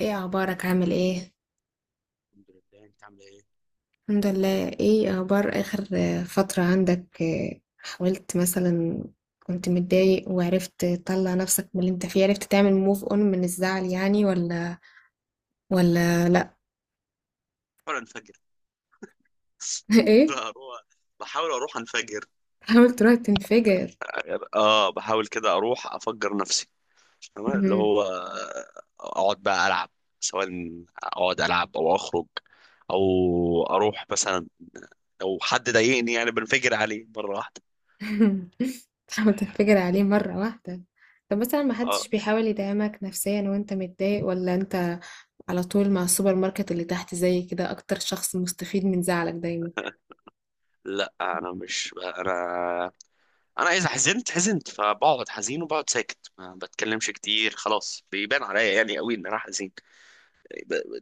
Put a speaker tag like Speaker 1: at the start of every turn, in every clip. Speaker 1: ايه اخبارك؟ عامل ايه؟
Speaker 2: الحمد لله، انت عامله ايه؟
Speaker 1: الحمد لله. ايه اخبار اخر فترة عندك، حاولت مثلا، كنت متضايق وعرفت تطلع نفسك من اللي انت فيه، عرفت تعمل موف اون من الزعل يعني، ولا لا.
Speaker 2: بحاول انفجر.
Speaker 1: ايه؟
Speaker 2: بروح. بحاول اروح انفجر.
Speaker 1: حاول تروح تنفجر.
Speaker 2: اه، بحاول كده اروح افجر نفسي. تمام، اللي
Speaker 1: مهم.
Speaker 2: هو اقعد بقى العب، سواء اقعد العب او اخرج، او اروح مثلا لو حد ضايقني يعني بنفجر عليه مره واحده.
Speaker 1: تحاول تنفجر عليه مرة واحدة. طب مثلا ما حدش
Speaker 2: اه.
Speaker 1: بيحاول يدعمك نفسيا وانت متضايق، ولا انت على طول مع السوبر ماركت اللي تحت زي كده اكتر شخص مستفيد من زعلك دايما؟
Speaker 2: لا، انا مش انا. انا اذا حزنت حزنت، فبقعد حزين وبقعد ساكت، ما بتكلمش كتير، خلاص بيبان عليا يعني قوي ان انا حزين.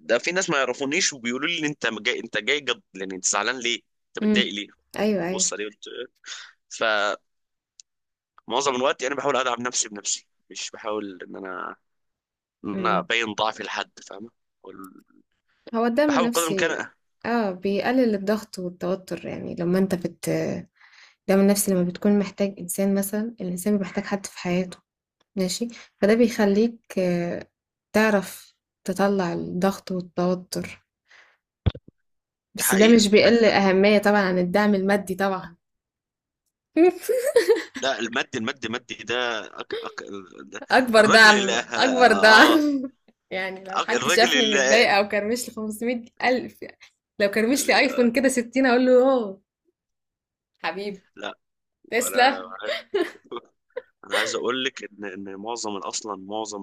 Speaker 2: ده في ناس ما يعرفونيش وبيقولوا لي انت جاي انت جاي جد، يعني انت زعلان ليه؟ انت
Speaker 1: امم.
Speaker 2: متضايق ليه؟
Speaker 1: ايوه، ايوه.
Speaker 2: بص عليه قلت. فمعظم الوقت يعني بحاول ادعم نفسي بنفسي، مش بحاول ان انا ان انا
Speaker 1: امم.
Speaker 2: ابين ضعفي لحد، فاهمه. وال-
Speaker 1: هو الدعم
Speaker 2: بحاول قدر الامكان.
Speaker 1: النفسي، اه، بيقلل الضغط والتوتر، يعني لما انت بت، الدعم النفسي لما بتكون محتاج انسان، مثلا الانسان بيبقى محتاج حد في حياته. ماشي. فده بيخليك، تعرف، تطلع الضغط والتوتر.
Speaker 2: دي
Speaker 1: بس ده
Speaker 2: حقيقه
Speaker 1: مش بيقل أهمية طبعا عن الدعم المادي طبعا.
Speaker 2: لا، المد ده، ده
Speaker 1: اكبر
Speaker 2: الراجل اللي
Speaker 1: دعم، اكبر
Speaker 2: اه
Speaker 1: دعم. يعني لو
Speaker 2: أك-
Speaker 1: حد
Speaker 2: الراجل
Speaker 1: شافني
Speaker 2: اللي
Speaker 1: متضايقة
Speaker 2: يعني،
Speaker 1: او كرمش لي 500 الف، لو كرمش لي
Speaker 2: آه،
Speaker 1: ايفون كده 60 اقول له: اوه حبيبي،
Speaker 2: لا. انا
Speaker 1: تسلا.
Speaker 2: انا عايز اقول لك ان معظم، اصلا معظم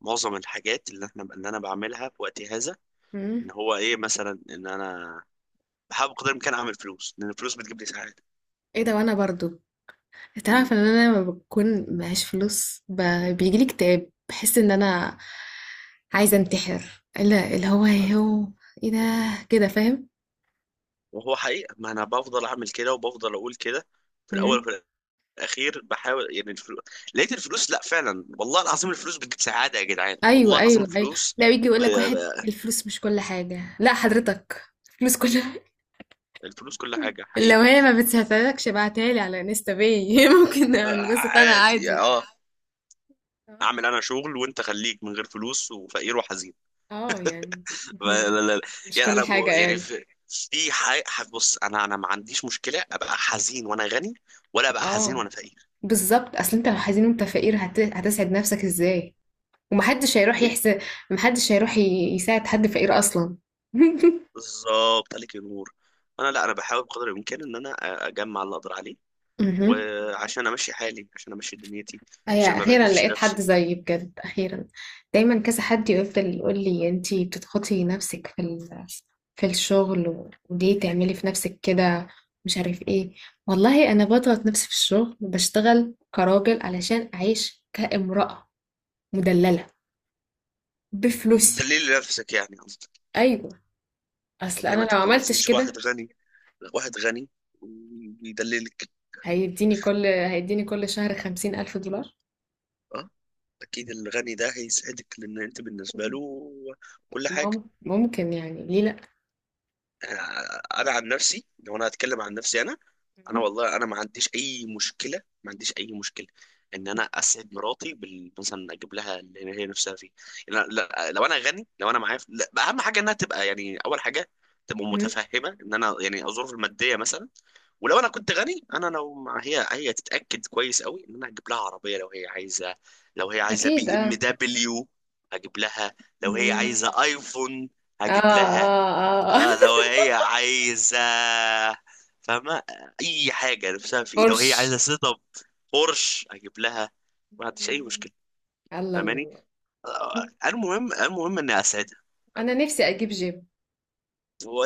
Speaker 2: معظم الحاجات اللي انا بعملها في وقتي هذا، ان
Speaker 1: مم.
Speaker 2: هو ايه مثلا ان انا بحاول بقدر الامكان اعمل فلوس، لان الفلوس بتجيب لي سعاده.
Speaker 1: ايه ده؟ وانا برضو،
Speaker 2: مم.
Speaker 1: تعرف ان انا لما بكون معيش فلوس ب، بيجي لي اكتئاب، بحس ان انا عايزه انتحر، لا اللي هو ايه، هو ايه ده، كده؟ فاهم.
Speaker 2: وهو حقيقه ما انا بفضل اعمل كده وبفضل اقول كده، في الاول
Speaker 1: مم.
Speaker 2: وفي الاخير بحاول يعني الفلوس. لقيت الفلوس، لا فعلا، والله العظيم الفلوس بتجيب سعاده يا جدعان، والله
Speaker 1: ايوه،
Speaker 2: العظيم
Speaker 1: ايوه، ايوه.
Speaker 2: الفلوس.
Speaker 1: لا، يجي يقول
Speaker 2: ب-
Speaker 1: لك واحد
Speaker 2: ب-
Speaker 1: الفلوس مش كل حاجه، لا حضرتك، الفلوس كل.
Speaker 2: الفلوس كل حاجه
Speaker 1: لو
Speaker 2: حقيقه.
Speaker 1: هي ما بتساعدكش ابعتها لي على انستا، باي. ممكن
Speaker 2: آه،
Speaker 1: انبسط انا
Speaker 2: عادي،
Speaker 1: عادي.
Speaker 2: اه.
Speaker 1: اه.
Speaker 2: اعمل انا شغل وانت خليك من غير فلوس وفقير وحزين.
Speaker 1: آه، يعني.
Speaker 2: لا،
Speaker 1: مم.
Speaker 2: لا، لا.
Speaker 1: مش
Speaker 2: يعني
Speaker 1: كل
Speaker 2: انا
Speaker 1: حاجه
Speaker 2: يعني،
Speaker 1: قال.
Speaker 2: في بص، انا ما عنديش مشكله ابقى حزين وانا غني، ولا ابقى حزين
Speaker 1: اه،
Speaker 2: وانا فقير.
Speaker 1: بالظبط، اصل انت لو حزين وانت فقير هتسعد نفسك ازاي؟ ومحدش هيروح
Speaker 2: مي-
Speaker 1: يحسن، محدش هيروح يساعد حد فقير اصلا.
Speaker 2: بالظبط، عليك النور. انا لا انا بحاول بقدر الامكان ان انا اجمع اللي اقدر عليه،
Speaker 1: مهم.
Speaker 2: وعشان امشي حالي، عشان امشي دنيتي،
Speaker 1: هي
Speaker 2: عشان ما
Speaker 1: اخيرا
Speaker 2: بهدلش
Speaker 1: لقيت حد
Speaker 2: نفسي.
Speaker 1: زيي، بجد اخيرا. دايما كذا حد يفضل يقول لي: انتي بتضغطي نفسك في الشغل، وليه تعملي في نفسك كده، مش عارف ايه. والله انا بضغط نفسي في الشغل، بشتغل كراجل علشان اعيش كامرأة مدللة بفلوسي.
Speaker 2: دليل نفسك يعني، قصدي.
Speaker 1: ايوه.
Speaker 2: طب
Speaker 1: اصل
Speaker 2: ليه
Speaker 1: انا
Speaker 2: ما
Speaker 1: لو عملتش
Speaker 2: تتجوزيش واحد
Speaker 1: كده،
Speaker 2: غني؟ لا، واحد غني ويدللك.
Speaker 1: هيديني كل شهر 50000 دولار.
Speaker 2: اه، اكيد الغني ده هيسعدك، لان انت بالنسبه له كل حاجه.
Speaker 1: ممكن، يعني ليه لأ.
Speaker 2: آه، انا عن نفسي، لو انا هتكلم عن نفسي، انا انا
Speaker 1: مم.
Speaker 2: والله انا ما عنديش اي مشكله، ما عنديش اي مشكله ان انا اسعد مراتي مثلا اجيب لها اللي هي نفسها فيه. لا، لا، لو انا غني، لو انا معايا لا، بقى اهم حاجه انها تبقى، يعني اول حاجه، تبقى
Speaker 1: مم.
Speaker 2: متفهمه ان انا يعني الظروف الماديه مثلا. ولو انا كنت غني، انا هي تتاكد كويس قوي ان انا هجيب لها عربيه لو هي عايزه. لو هي عايزه
Speaker 1: أكيد
Speaker 2: بي ام
Speaker 1: اه.
Speaker 2: دبليو هجيب لها. لو هي
Speaker 1: مم.
Speaker 2: عايزه ايفون
Speaker 1: اه،
Speaker 2: هجيب لها.
Speaker 1: اه، اه.
Speaker 2: آه، لو هي عايزة، فاهمة، أي حاجة نفسها في. لو هي
Speaker 1: بورش.
Speaker 2: عايزة سيت أب بورش أجيب لها، ما عنديش أي
Speaker 1: مم.
Speaker 2: مشكلة،
Speaker 1: الله
Speaker 2: فاهماني.
Speaker 1: الله.
Speaker 2: آه، المهم إني أسعدها،
Speaker 1: أنا
Speaker 2: فاهمة؟
Speaker 1: نفسي أجيب جيم،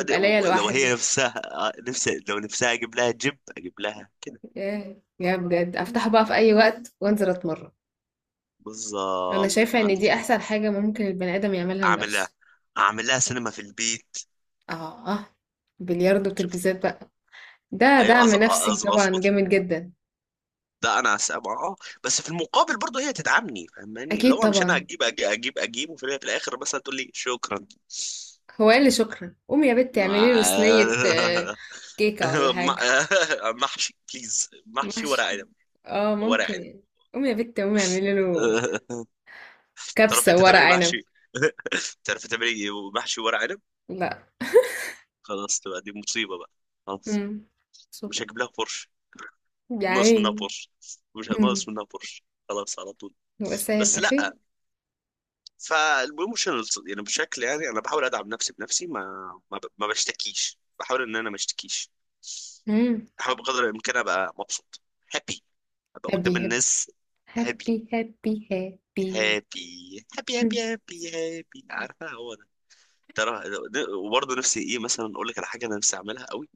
Speaker 1: يبقى ليا
Speaker 2: لو هي
Speaker 1: لوحدي.
Speaker 2: نفسها، لو نفسها، أجيب لها جيب، أجيب لها كده.
Speaker 1: ياه، يا بجد، أفتحه بقى في أي وقت وأنزل أتمرن. أنا
Speaker 2: بالظبط،
Speaker 1: شايفة
Speaker 2: ما
Speaker 1: إن دي
Speaker 2: عنديش.
Speaker 1: أحسن حاجة ممكن البني آدم يعملها
Speaker 2: أعمل لها
Speaker 1: لنفسه.
Speaker 2: أعمل لها سينما في البيت،
Speaker 1: اه، اه. بلياردو
Speaker 2: شفت.
Speaker 1: وتلفزيون بقى. ده
Speaker 2: أيوة،
Speaker 1: دعم
Speaker 2: أظ-
Speaker 1: نفسي
Speaker 2: أظ-
Speaker 1: طبعا
Speaker 2: أظبط
Speaker 1: جامد جدا.
Speaker 2: ده انا بس في المقابل برضه هي تدعمني، فاهماني، اللي
Speaker 1: أكيد
Speaker 2: هو مش انا
Speaker 1: طبعا.
Speaker 2: اجيب اجيب اجيب، أجيب وفي الاخر مثلا تقول لي شكرا.
Speaker 1: هو قال لي شكرا، قومي يا بنت اعملي له صينية
Speaker 2: مع- مع-
Speaker 1: كيكة ولا حاجة.
Speaker 2: محشي، بليز، محشي ورق
Speaker 1: ماشي.
Speaker 2: عنب.
Speaker 1: اه
Speaker 2: ورق
Speaker 1: ممكن
Speaker 2: عنب.
Speaker 1: يعني. قومي يا بنت، قومي اعملي له
Speaker 2: تعرف
Speaker 1: كبسة
Speaker 2: انت
Speaker 1: ورق
Speaker 2: تعملي
Speaker 1: عنب.
Speaker 2: محشي؟ تعرف تعملي محشي ورق عنب؟
Speaker 1: لا.
Speaker 2: خلاص، تبقى دي مصيبة بقى، خلاص.
Speaker 1: امم. شوف.
Speaker 2: مش هجيب لها بورش،
Speaker 1: يا
Speaker 2: ناقص منها
Speaker 1: عيني.
Speaker 2: بورش، مش ناقص
Speaker 1: امم.
Speaker 2: منها بورش، خلاص، على طول.
Speaker 1: بس
Speaker 2: بس
Speaker 1: هيبقى خير.
Speaker 2: لا، فالبروموشنال يعني بشكل يعني انا بحاول ادعم نفسي بنفسي، ما بشتكيش، بحاول ان انا ما اشتكيش،
Speaker 1: امم.
Speaker 2: بحاول بقدر الامكان ابقى مبسوط، هابي، ابقى
Speaker 1: هابي،
Speaker 2: قدام
Speaker 1: هابي،
Speaker 2: الناس هابي،
Speaker 1: هابي، هابي، هابي.
Speaker 2: هابي، هابي، هابي، هابي، هابي، عارفه هو ده، ترى. وبرضه نفسي ايه مثلا، اقول لك على حاجه انا نفسي اعملها قوي،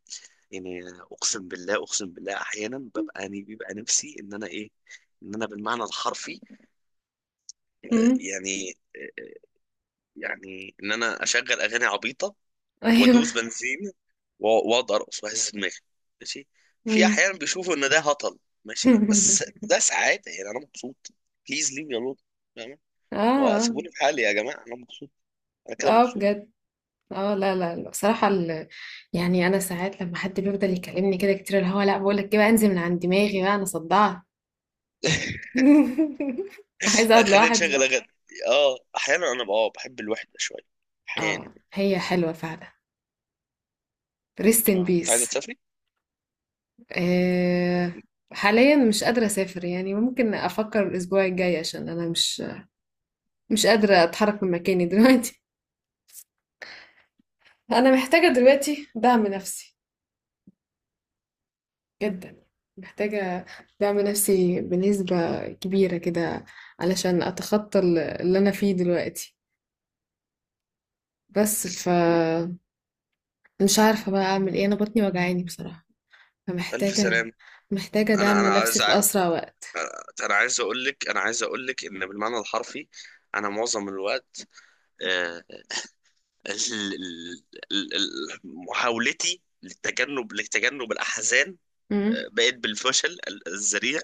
Speaker 2: يعني، اقسم بالله، اقسم بالله، احيانا ببقى، يعني بيبقى نفسي ان انا ايه، ان انا بالمعنى الحرفي
Speaker 1: امم.
Speaker 2: يعني يعني ان انا اشغل اغاني عبيطه
Speaker 1: ايوه.
Speaker 2: وادوس بنزين، و- واقعد ارقص واهز دماغي، ماشي، في
Speaker 1: امم.
Speaker 2: احيانا بيشوفوا ان ده هطل، ماشي، بس ده سعاده، يعني انا مبسوط، بليز ليف مي الون، فاهم،
Speaker 1: اه،
Speaker 2: وسيبوني في حالي يا جماعه، انا مبسوط، انا
Speaker 1: اه.
Speaker 2: كده
Speaker 1: آه،
Speaker 2: مبسوط.
Speaker 1: بجد. اه، لا لا لا، بصراحة يعني انا ساعات لما حد بيفضل يكلمني كده كتير، اللي هو لا بقول لك بقى انزل من عند دماغي بقى، انا صدعت. عايزة اقعد
Speaker 2: خلينا
Speaker 1: لوحدي.
Speaker 2: نشغل اغاني. اه، احيانا انا بقى بحب الوحده شويه، احيانا.
Speaker 1: اه هي حلوة فعلا، ريست ان
Speaker 2: اه، انت عايزه
Speaker 1: بيس.
Speaker 2: تسافري؟
Speaker 1: آه. حاليا مش قادرة اسافر، يعني ممكن افكر الاسبوع الجاي، عشان انا مش قادرة اتحرك من مكاني دلوقتي. انا محتاجة دلوقتي دعم نفسي جدا. محتاجة دعم نفسي بنسبة كبيرة كده، علشان أتخطى اللي أنا فيه دلوقتي. بس ف، مش عارفة بقى أعمل إيه، أنا بطني وجعاني بصراحة،
Speaker 2: ألف
Speaker 1: فمحتاجة،
Speaker 2: سلام.
Speaker 1: محتاجة
Speaker 2: أنا
Speaker 1: دعم
Speaker 2: أنا
Speaker 1: نفسي
Speaker 2: عايز
Speaker 1: في
Speaker 2: أ-
Speaker 1: أسرع وقت.
Speaker 2: أنا عايز أقول لك أنا عايز أقول لك إن بالمعنى الحرفي أنا معظم الوقت، آه، ال- محاولتي لتجنب الأحزان،
Speaker 1: امم.
Speaker 2: بقت بالفشل الذريع.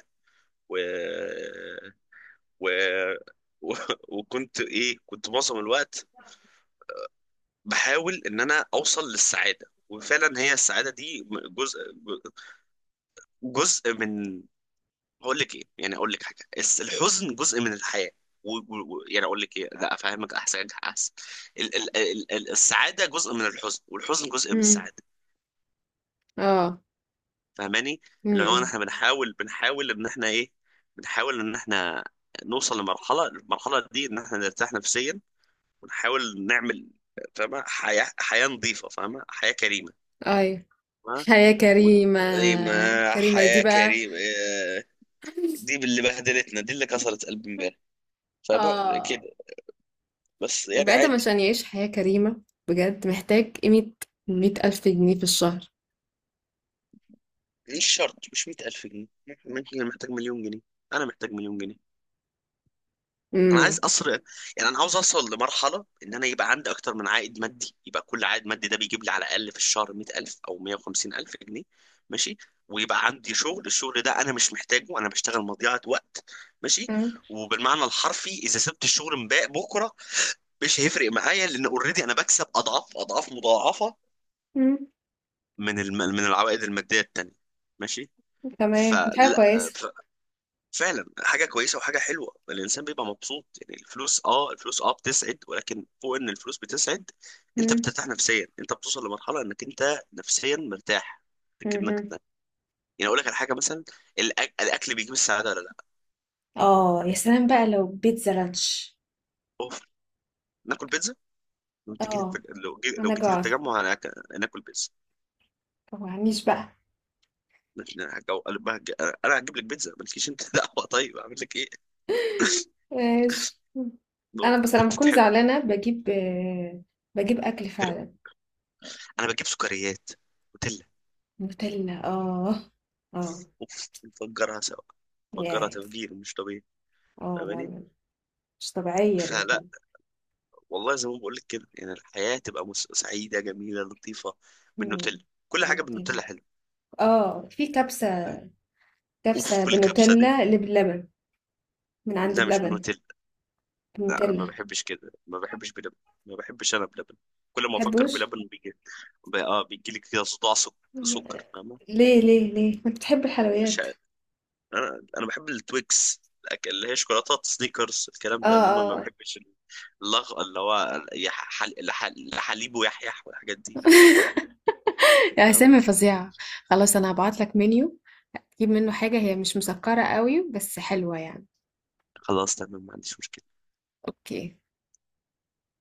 Speaker 2: و... و... و... وكنت إيه كنت معظم الوقت بحاول إن أنا أوصل للسعادة، وفعلا هي السعادة دي جزء جزء من، هقول لك إيه يعني، أقول لك حاجة، الحزن جزء من الحياة، و... و... يعني أقول لك إيه، لا، أفهمك أحسن، أحسن السعادة جزء من الحزن، والحزن جزء من
Speaker 1: امم.
Speaker 2: السعادة،
Speaker 1: اه.
Speaker 2: فاهماني، اللي هو
Speaker 1: امم.
Speaker 2: احنا بنحاول، ان احنا ايه، بنحاول ان احنا نوصل لمرحله، المرحله دي ان احنا نرتاح نفسيا، ونحاول نعمل، فاهمه، حياه نظيفه، فاهمه، حياه كريمه،
Speaker 1: أي.
Speaker 2: فاهمه.
Speaker 1: حياة
Speaker 2: و...
Speaker 1: كريمة.
Speaker 2: ايه ما
Speaker 1: كريمة دي
Speaker 2: حياه
Speaker 1: بقى.
Speaker 2: كريمه إيه، دي اللي بهدلتنا، دي اللي كسرت قلبي امبارح، فبقى
Speaker 1: اه.
Speaker 2: كده، بس يعني
Speaker 1: البني آدم
Speaker 2: عادي.
Speaker 1: عشان يعيش حياة كريمة، بجد محتاج قيمة 100000 جنيه في الشهر.
Speaker 2: مش شرط، مش 100,000 جنيه، ممكن محتاج مليون جنيه، انا محتاج مليون جنيه، انا عايز
Speaker 1: امم.
Speaker 2: اصل يعني انا عاوز اوصل لمرحله ان انا يبقى عندي اكتر من عائد مادي، يبقى كل عائد مادي ده بيجيب لي على الاقل في الشهر 100,000 او 150,000 جنيه، ماشي، ويبقى عندي شغل، الشغل ده انا مش محتاجه، انا بشتغل مضيعه وقت، ماشي، وبالمعنى الحرفي اذا سبت الشغل امبارح بكره مش هيفرق معايا، لان اوريدي انا بكسب اضعاف اضعاف مضاعفه
Speaker 1: مم.
Speaker 2: من العوائد الماديه التانيه، ماشي.
Speaker 1: تمام، دي حاجة
Speaker 2: فلا،
Speaker 1: كويسة.
Speaker 2: فعلا حاجه كويسه وحاجه حلوه، الانسان بيبقى مبسوط، يعني الفلوس بتسعد، ولكن فوق ان الفلوس بتسعد، انت
Speaker 1: مم.
Speaker 2: بترتاح نفسيا، انت بتوصل لمرحله انك انت نفسيا مرتاح، لكنك
Speaker 1: مهم.
Speaker 2: انك، يعني اقول لك على حاجه مثلا، الاكل بيجيب السعاده ولا لا؟
Speaker 1: اه يا سلام بقى لو بيتزا لانش.
Speaker 2: اوف، ناكل بيتزا، لو تجي،
Speaker 1: اه
Speaker 2: لو
Speaker 1: انا
Speaker 2: جيتي
Speaker 1: جوعت.
Speaker 2: للتجمع، انا ناكل بيتزا،
Speaker 1: معنيش بقى.
Speaker 2: مش- انا هجو- هج- أنا هجيب لك بيتزا مالكيش انت، دعوه، طيب اعمل لك ايه؟
Speaker 1: ماشي. انا بس لما بكون
Speaker 2: بتتحب
Speaker 1: زعلانة بجيب اكل
Speaker 2: كده.
Speaker 1: فعلا.
Speaker 2: انا بجيب سكريات، نوتيلا،
Speaker 1: نوتيلا، اه. اه.
Speaker 2: اوف، نفجرها سوا، نفجرها
Speaker 1: ياي.
Speaker 2: تفجير مش طبيعي،
Speaker 1: اه لا،
Speaker 2: فاهماني.
Speaker 1: لا. مش طبيعية
Speaker 2: فلا،
Speaker 1: النوتيلا.
Speaker 2: والله زي ما بقول لك كده، يعني الحياه تبقى سعيده، جميله، لطيفه،
Speaker 1: مم.
Speaker 2: بالنوتيلا، كل حاجه
Speaker 1: النوتيلا.
Speaker 2: بالنوتيلا حلوه.
Speaker 1: اه في كبسة، كبسة
Speaker 2: اوف، الكبسه دي،
Speaker 1: بالنوتيلا، اللي باللبن من عند
Speaker 2: لا، مش
Speaker 1: بلبن.
Speaker 2: بالنوتيلا. لا، انا
Speaker 1: بالنوتيلا.
Speaker 2: ما بحبش كده، ما بحبش بلبن، ما بحبش انا بلبن، كل ما افكر
Speaker 1: تحبوش؟
Speaker 2: بلبن بيجي، بيجي لي كده صداع، سكر، فاهمه.
Speaker 1: ليه؟ ليه ما بتحب
Speaker 2: مش
Speaker 1: الحلويات؟
Speaker 2: عارف. انا بحب التويكس، اللي هي شوكولاتات سنيكرز الكلام
Speaker 1: اه،
Speaker 2: ده، انما ما
Speaker 1: اه.
Speaker 2: بحبش اللي هو لحليب ويحيح والحاجات دي، لا،
Speaker 1: يا
Speaker 2: فاهمه.
Speaker 1: اسامي فظيعة. خلاص، انا هبعت لك منيو، تجيب منه حاجة هي مش مسكرة قوي بس حلوة يعني.
Speaker 2: خلاص، تمام، ما عنديش مشكله
Speaker 1: اوكي.